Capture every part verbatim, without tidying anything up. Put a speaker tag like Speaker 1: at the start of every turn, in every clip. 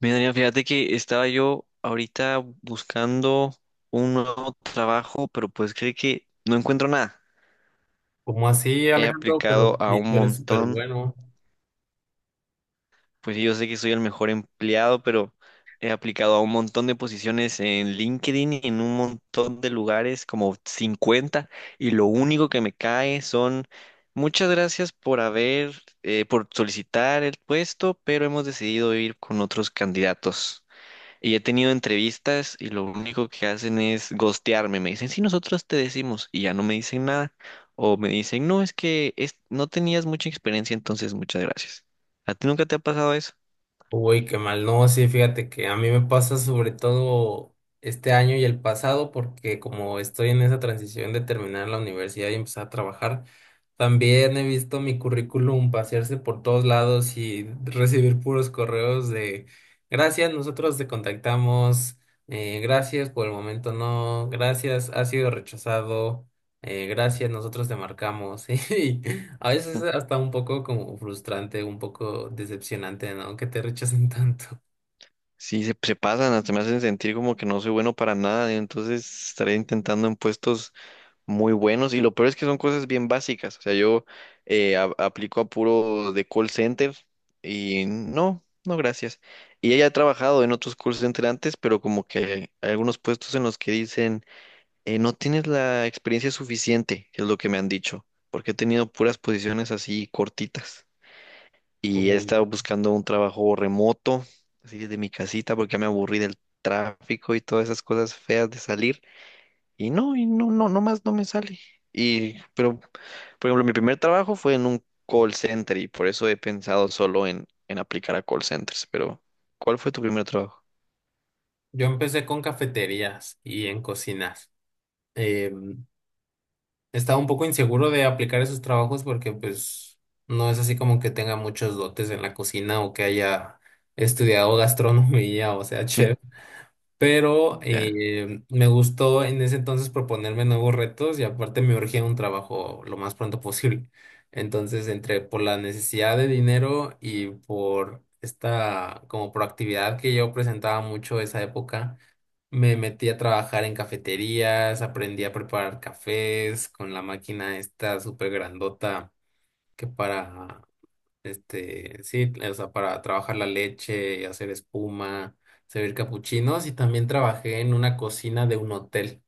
Speaker 1: Mira, Adrián, fíjate que estaba yo ahorita buscando un nuevo trabajo, pero pues creo que no encuentro nada.
Speaker 2: ¿Como así,
Speaker 1: He
Speaker 2: Alejandro?
Speaker 1: aplicado
Speaker 2: Pero
Speaker 1: a
Speaker 2: si
Speaker 1: un
Speaker 2: tú eres súper
Speaker 1: montón,
Speaker 2: bueno.
Speaker 1: pues sí, yo sé que soy el mejor empleado, pero he aplicado a un montón de posiciones en LinkedIn y en un montón de lugares, como cincuenta. y lo único que me cae son muchas gracias por haber, eh, por solicitar el puesto, pero hemos decidido ir con otros candidatos. Y he tenido entrevistas y lo único que hacen es gostearme. Me dicen, sí, nosotros te decimos y ya no me dicen nada. O me dicen, no, es que es- no tenías mucha experiencia, entonces muchas gracias. ¿A ti nunca te ha pasado eso?
Speaker 2: Uy, qué mal. No, sí, fíjate que a mí me pasa sobre todo este año y el pasado, porque como estoy en esa transición de terminar la universidad y empezar a trabajar, también he visto mi currículum pasearse por todos lados y recibir puros correos de gracias, nosotros te contactamos, eh, gracias, por el momento no, gracias, ha sido rechazado, eh, gracias, nosotros te marcamos. ¿Sí? A veces
Speaker 1: Mm.
Speaker 2: es hasta un poco como frustrante, un poco decepcionante, ¿no? Que te rechacen tanto.
Speaker 1: Sí, se, se pasan, hasta me hacen sentir como que no soy bueno para nada. Entonces estaré intentando en puestos muy buenos y lo peor es que son cosas bien básicas. O sea, yo eh, a- aplico a puro de call center y no, no, gracias. Y ella ha trabajado en otros call center antes, pero como que hay algunos puestos en los que dicen, eh, no tienes la experiencia suficiente, que es lo que me han dicho, porque he tenido puras posiciones así cortitas. Y he estado
Speaker 2: Uy.
Speaker 1: buscando un trabajo remoto, así desde mi casita, porque ya me aburrí del tráfico y todas esas cosas feas de salir. Y no, y no, no, no más no me sale. Y, pero, por ejemplo, mi primer trabajo fue en un call center y por eso he pensado solo en, en aplicar a call centers. Pero, ¿cuál fue tu primer trabajo?
Speaker 2: Yo empecé con cafeterías y en cocinas. Eh, Estaba un poco inseguro de aplicar esos trabajos porque pues no es así como que tenga muchos dotes en la cocina o que haya estudiado gastronomía, o sea,
Speaker 1: Mm.
Speaker 2: chef. Pero
Speaker 1: Ya.
Speaker 2: eh, me gustó en ese entonces proponerme nuevos retos y aparte me urgía un trabajo lo más pronto posible. Entonces, entre por la necesidad de dinero y por esta como proactividad que yo presentaba mucho esa época, me metí a trabajar en cafeterías, aprendí a preparar cafés con la máquina esta súper grandota que para este, sí, eh, o sea, para trabajar la leche, hacer espuma, servir capuchinos y también trabajé en una cocina de un hotel.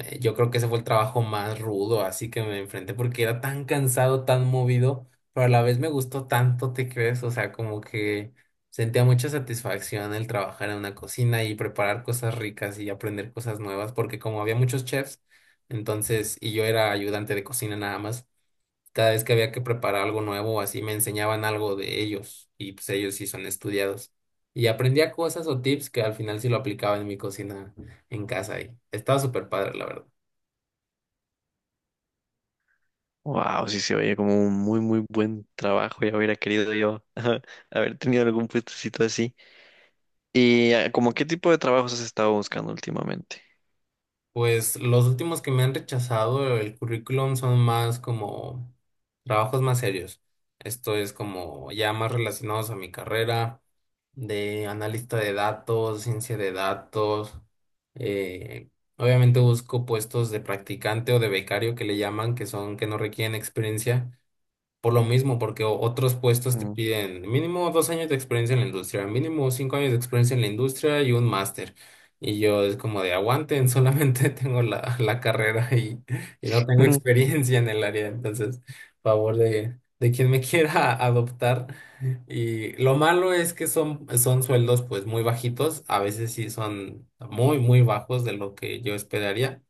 Speaker 2: Eh, Yo creo que ese fue el trabajo más rudo, así que me enfrenté porque era tan cansado, tan movido, pero a la vez me gustó tanto, ¿te crees? O sea, como que sentía mucha satisfacción el trabajar en una cocina y preparar cosas ricas y aprender cosas nuevas, porque como había muchos chefs, entonces, y yo era ayudante de cocina nada más. Cada vez que había que preparar algo nuevo, así me enseñaban algo de ellos y pues ellos sí son estudiados. Y aprendía cosas o tips que al final sí lo aplicaba en mi cocina en casa y estaba súper padre, la verdad.
Speaker 1: Wow, sí se oye como un muy, muy buen trabajo. Ya hubiera querido yo haber tenido algún puestecito así. ¿Y ah, como qué tipo de trabajos has estado buscando últimamente?
Speaker 2: Pues los últimos que me han rechazado el currículum son más como trabajos más serios. Esto es como ya más relacionados a mi carrera de analista de datos, ciencia de datos. Eh, obviamente busco puestos de practicante o de becario que le llaman, que son que no requieren experiencia por lo mismo, porque o- otros puestos te
Speaker 1: Mm.
Speaker 2: piden mínimo dos años de experiencia en la industria, mínimo cinco años de experiencia en la industria y un máster. Y yo es como de aguanten, solamente tengo la, la carrera y, y no tengo experiencia en el área. Entonces, favor de, de quien me quiera adoptar. Y lo malo es que son, son sueldos pues muy bajitos, a veces sí son muy, muy bajos de lo que yo esperaría.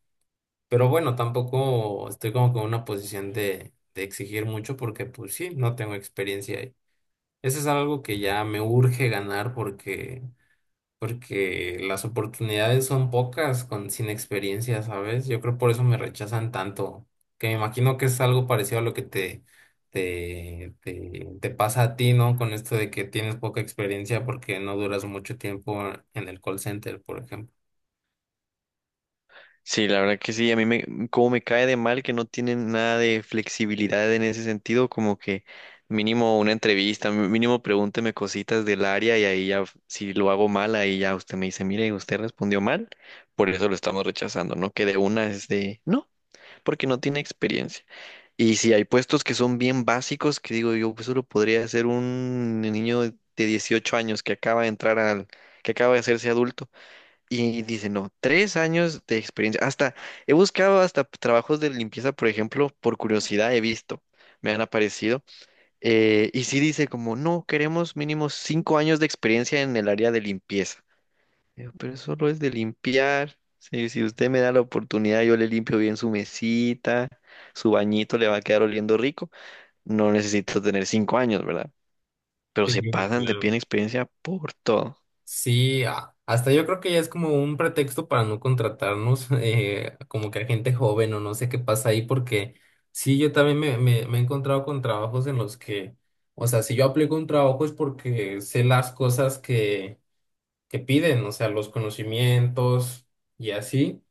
Speaker 2: Pero bueno, tampoco estoy como que en una posición de, de exigir mucho porque pues sí, no tengo experiencia ahí. Eso es algo que ya me urge ganar porque, porque las oportunidades son pocas con, sin experiencia, ¿sabes? Yo creo por eso me rechazan tanto, que me imagino que es algo parecido a lo que te, te, te, te pasa a ti, ¿no? Con esto de que tienes poca experiencia porque no duras mucho tiempo en el call center, por ejemplo.
Speaker 1: Sí, la verdad que sí, a mí me, como me cae de mal que no tienen nada de flexibilidad en ese sentido, como que mínimo una entrevista, mí- mínimo pregúnteme cositas del área y ahí ya, si lo hago mal, ahí ya usted me dice, mire, usted respondió mal, por eso lo estamos rechazando, ¿no? Que de una es de, no, porque no tiene experiencia. Y si hay puestos que son bien básicos, que digo yo, pues eso lo podría hacer un niño de dieciocho años que acaba de entrar al, que acaba de hacerse adulto y dice, no, tres años de experiencia. Hasta he buscado hasta trabajos de limpieza, por ejemplo, por curiosidad he visto, me han aparecido. eh, y sí dice como, no, queremos mínimo cinco años de experiencia en el área de limpieza. Digo, pero solo es de limpiar. Si, si usted me da la oportunidad, yo le limpio bien su mesita, su bañito le va a quedar oliendo rico. No necesito tener cinco años, ¿verdad? Pero
Speaker 2: Sí,
Speaker 1: se pasan de pie en
Speaker 2: claro.
Speaker 1: experiencia por todo.
Speaker 2: Sí, a- hasta yo creo que ya es como un pretexto para no contratarnos, eh, como que a gente joven o no sé qué pasa ahí, porque sí, yo también me, me, me he encontrado con trabajos en los que, o sea, si yo aplico un trabajo es porque sé las cosas que, que piden, o sea, los conocimientos y así,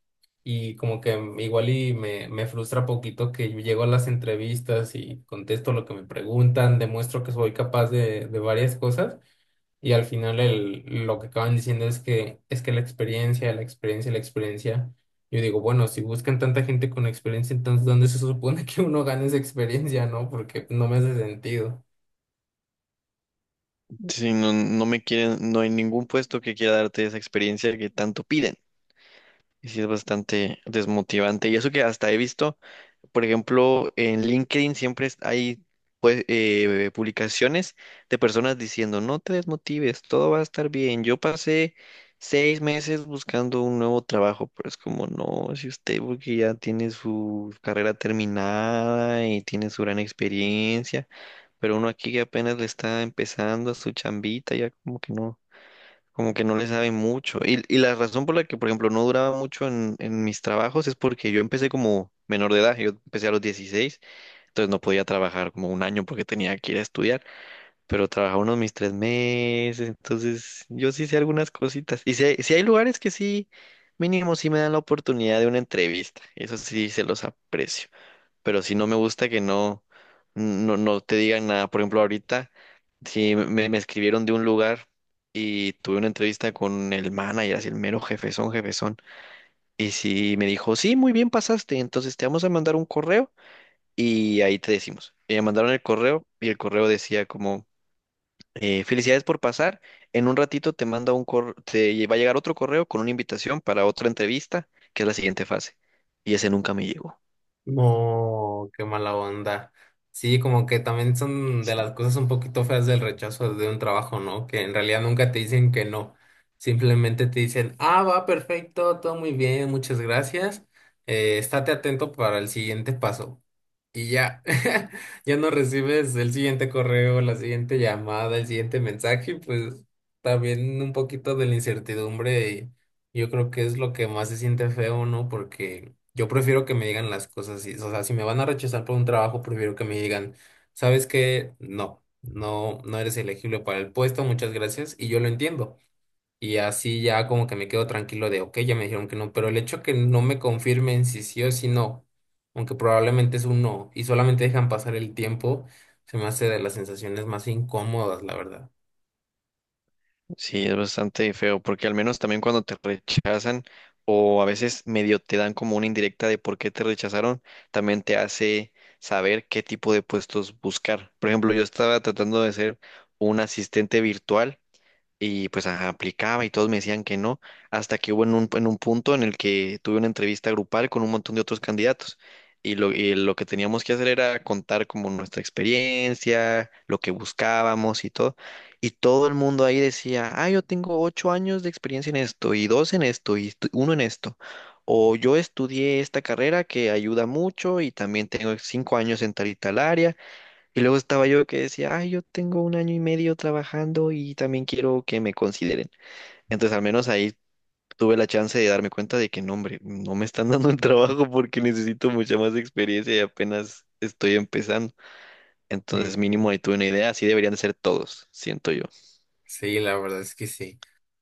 Speaker 2: y como que igual y me, me frustra poquito que yo llego a las entrevistas y contesto lo que me preguntan, demuestro que soy capaz de, de varias cosas. Y al final el, lo que acaban diciendo es que es que la experiencia, la experiencia, la experiencia. Yo digo, bueno, si buscan tanta gente con experiencia, entonces ¿dónde se supone que uno gana esa experiencia, no? Porque no me hace sentido.
Speaker 1: Si no, no me quieren, no hay ningún puesto que quiera darte esa experiencia que tanto piden. Y sí es bastante desmotivante. Y eso que hasta he visto, por ejemplo, en LinkedIn siempre es- hay pues, eh, publicaciones de personas diciendo, no te desmotives, todo va a estar bien. Yo pasé seis meses buscando un nuevo trabajo, pero es como, no, si usted porque ya tiene su carrera terminada y tiene su gran experiencia. Pero uno aquí que apenas le está empezando a su chambita, ya como que no, como que no le sabe mucho. Y, y la razón por la que, por ejemplo, no duraba mucho en, en mis trabajos es porque yo empecé como menor de edad, yo empecé a los dieciséis entonces no podía trabajar como un año porque tenía que ir a estudiar, pero trabajaba unos mis tres meses, entonces yo sí sé algunas cositas. Y si hay, sí hay lugares que sí, mínimo sí me dan la oportunidad de una entrevista, eso sí se los aprecio pero si no me gusta que no, no, no te digan nada. Por ejemplo, ahorita, si me, me escribieron de un lugar y tuve una entrevista con el manager, así el mero jefezón, jefezón, y si me dijo, sí, muy bien pasaste, entonces te vamos a mandar un correo y ahí te decimos. Y me mandaron el correo y el correo decía como, eh, felicidades por pasar, en un ratito te manda un correo, te va a llegar otro correo con una invitación para otra entrevista, que es la siguiente fase. Y ese nunca me llegó.
Speaker 2: No, qué mala onda. Sí, como que también son de las cosas un poquito feas del rechazo de un trabajo, ¿no? Que en realidad nunca te dicen que no. Simplemente te dicen, ah, va perfecto, todo muy bien, muchas gracias. Eh, estate atento para el siguiente paso. Y ya, ya no recibes el siguiente correo, la siguiente llamada, el siguiente mensaje, y pues también un poquito de la incertidumbre, y yo creo que es lo que más se siente feo, ¿no? Porque yo prefiero que me digan las cosas, así, o sea, si me van a rechazar por un trabajo, prefiero que me digan, ¿sabes qué? No, no, no eres elegible para el puesto, muchas gracias, y yo lo entiendo. Y así ya como que me quedo tranquilo de, ok, ya me dijeron que no, pero el hecho que no me confirmen si sí o si no, aunque probablemente es un no, y solamente dejan pasar el tiempo, se me hace de las sensaciones más incómodas, la verdad.
Speaker 1: Sí, es bastante feo, porque al menos también cuando te rechazan o a veces medio te dan como una indirecta de por qué te rechazaron, también te hace saber qué tipo de puestos buscar. Por ejemplo, yo estaba tratando de ser un asistente virtual y pues ajá, aplicaba y todos me decían que no, hasta que hubo en un, en un punto en el que tuve una entrevista grupal con un montón de otros candidatos. Y lo, y lo que teníamos que hacer era contar como nuestra experiencia, lo que buscábamos y todo. Y todo el mundo ahí decía, ah, yo tengo ocho años de experiencia en esto, y dos en esto, y estu- uno en esto. O yo estudié esta carrera que ayuda mucho y también tengo cinco años en tal y tal área. Y luego estaba yo que decía, ay, yo tengo un año y medio trabajando y también quiero que me consideren. Entonces, al menos ahí tuve la chance de darme cuenta de que no, hombre, no me están dando el trabajo porque necesito mucha más experiencia y apenas estoy empezando.
Speaker 2: Sí,
Speaker 1: Entonces, mínimo ahí tuve una idea, así deberían de ser todos, siento yo.
Speaker 2: sí, la verdad es que sí.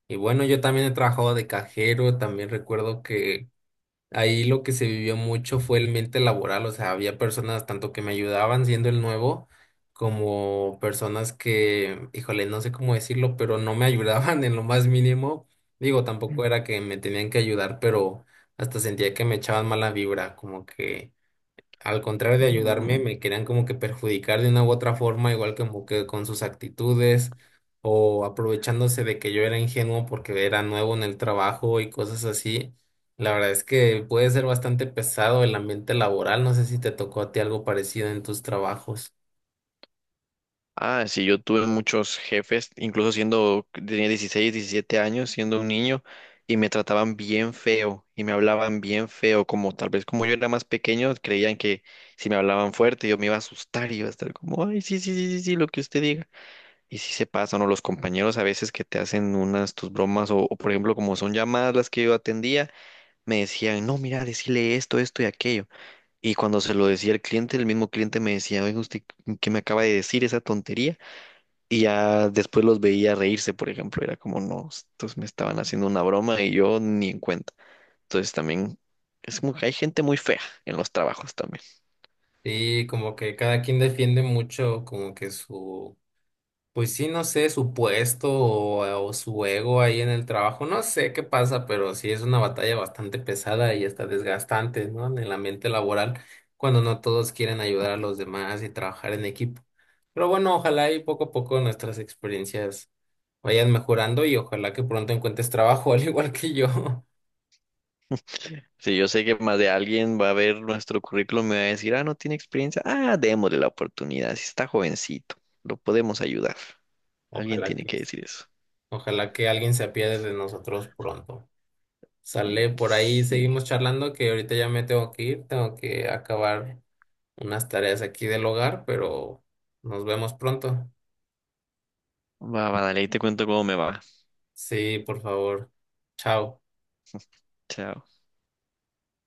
Speaker 2: Y bueno, yo también he trabajado de cajero, también recuerdo que ahí lo que se vivió mucho fue el mente laboral, o sea, había personas tanto que me ayudaban siendo el nuevo, como personas que, híjole, no sé cómo decirlo, pero no me ayudaban en lo más mínimo. Digo, tampoco era que me tenían que ayudar, pero hasta sentía que me echaban mala vibra, como que al contrario de ayudarme,
Speaker 1: Mm.
Speaker 2: me querían como que perjudicar de una u otra forma, igual como que con sus actitudes o aprovechándose de que yo era ingenuo porque era nuevo en el trabajo y cosas así. La verdad es que puede ser bastante pesado el ambiente laboral. No sé si te tocó a ti algo parecido en tus trabajos.
Speaker 1: Ah, sí, yo tuve muchos jefes, incluso siendo, tenía dieciséis, diecisiete años, siendo un niño, y me trataban bien feo, y me hablaban bien feo, como tal vez como yo era más pequeño, creían que si me hablaban fuerte yo me iba a asustar y iba a estar como, ay, sí, sí, sí, sí, sí, lo que usted diga. Y sí se pasan, o los compañeros a veces que te hacen unas tus bromas, o, o por ejemplo, como son llamadas las que yo atendía, me decían, no, mira, decirle esto, esto y aquello. Y cuando se lo decía al cliente, el mismo cliente me decía, oiga, ¿usted qué me acaba de decir esa tontería? Y ya después los veía reírse, por ejemplo, era como, no, estos me estaban haciendo una broma y yo ni en cuenta. Entonces también es como que hay gente muy fea en los trabajos también.
Speaker 2: Sí, como que cada quien defiende mucho como que su, pues sí, no sé, su puesto o, o su ego ahí en el trabajo, no sé qué pasa, pero sí es una batalla bastante pesada y hasta desgastante, ¿no? En el ambiente laboral, cuando no todos quieren ayudar a los demás y trabajar en equipo. Pero bueno, ojalá y poco a poco nuestras experiencias vayan mejorando y ojalá que pronto encuentres trabajo, al igual que yo.
Speaker 1: Si yo sé que más de alguien va a ver nuestro currículum y me va a decir, ah, no tiene experiencia, ah, démosle la oportunidad, si está jovencito, lo podemos ayudar. Alguien
Speaker 2: Ojalá
Speaker 1: tiene
Speaker 2: que
Speaker 1: que
Speaker 2: sí.
Speaker 1: decir eso.
Speaker 2: Ojalá que alguien se apiade de nosotros pronto. Sale por ahí,
Speaker 1: Sí.
Speaker 2: seguimos charlando, que ahorita ya me tengo que ir, tengo que acabar unas tareas aquí del hogar, pero nos vemos pronto.
Speaker 1: Va, va, dale, ahí te cuento cómo me va.
Speaker 2: Sí, por favor. Chao.
Speaker 1: Chao.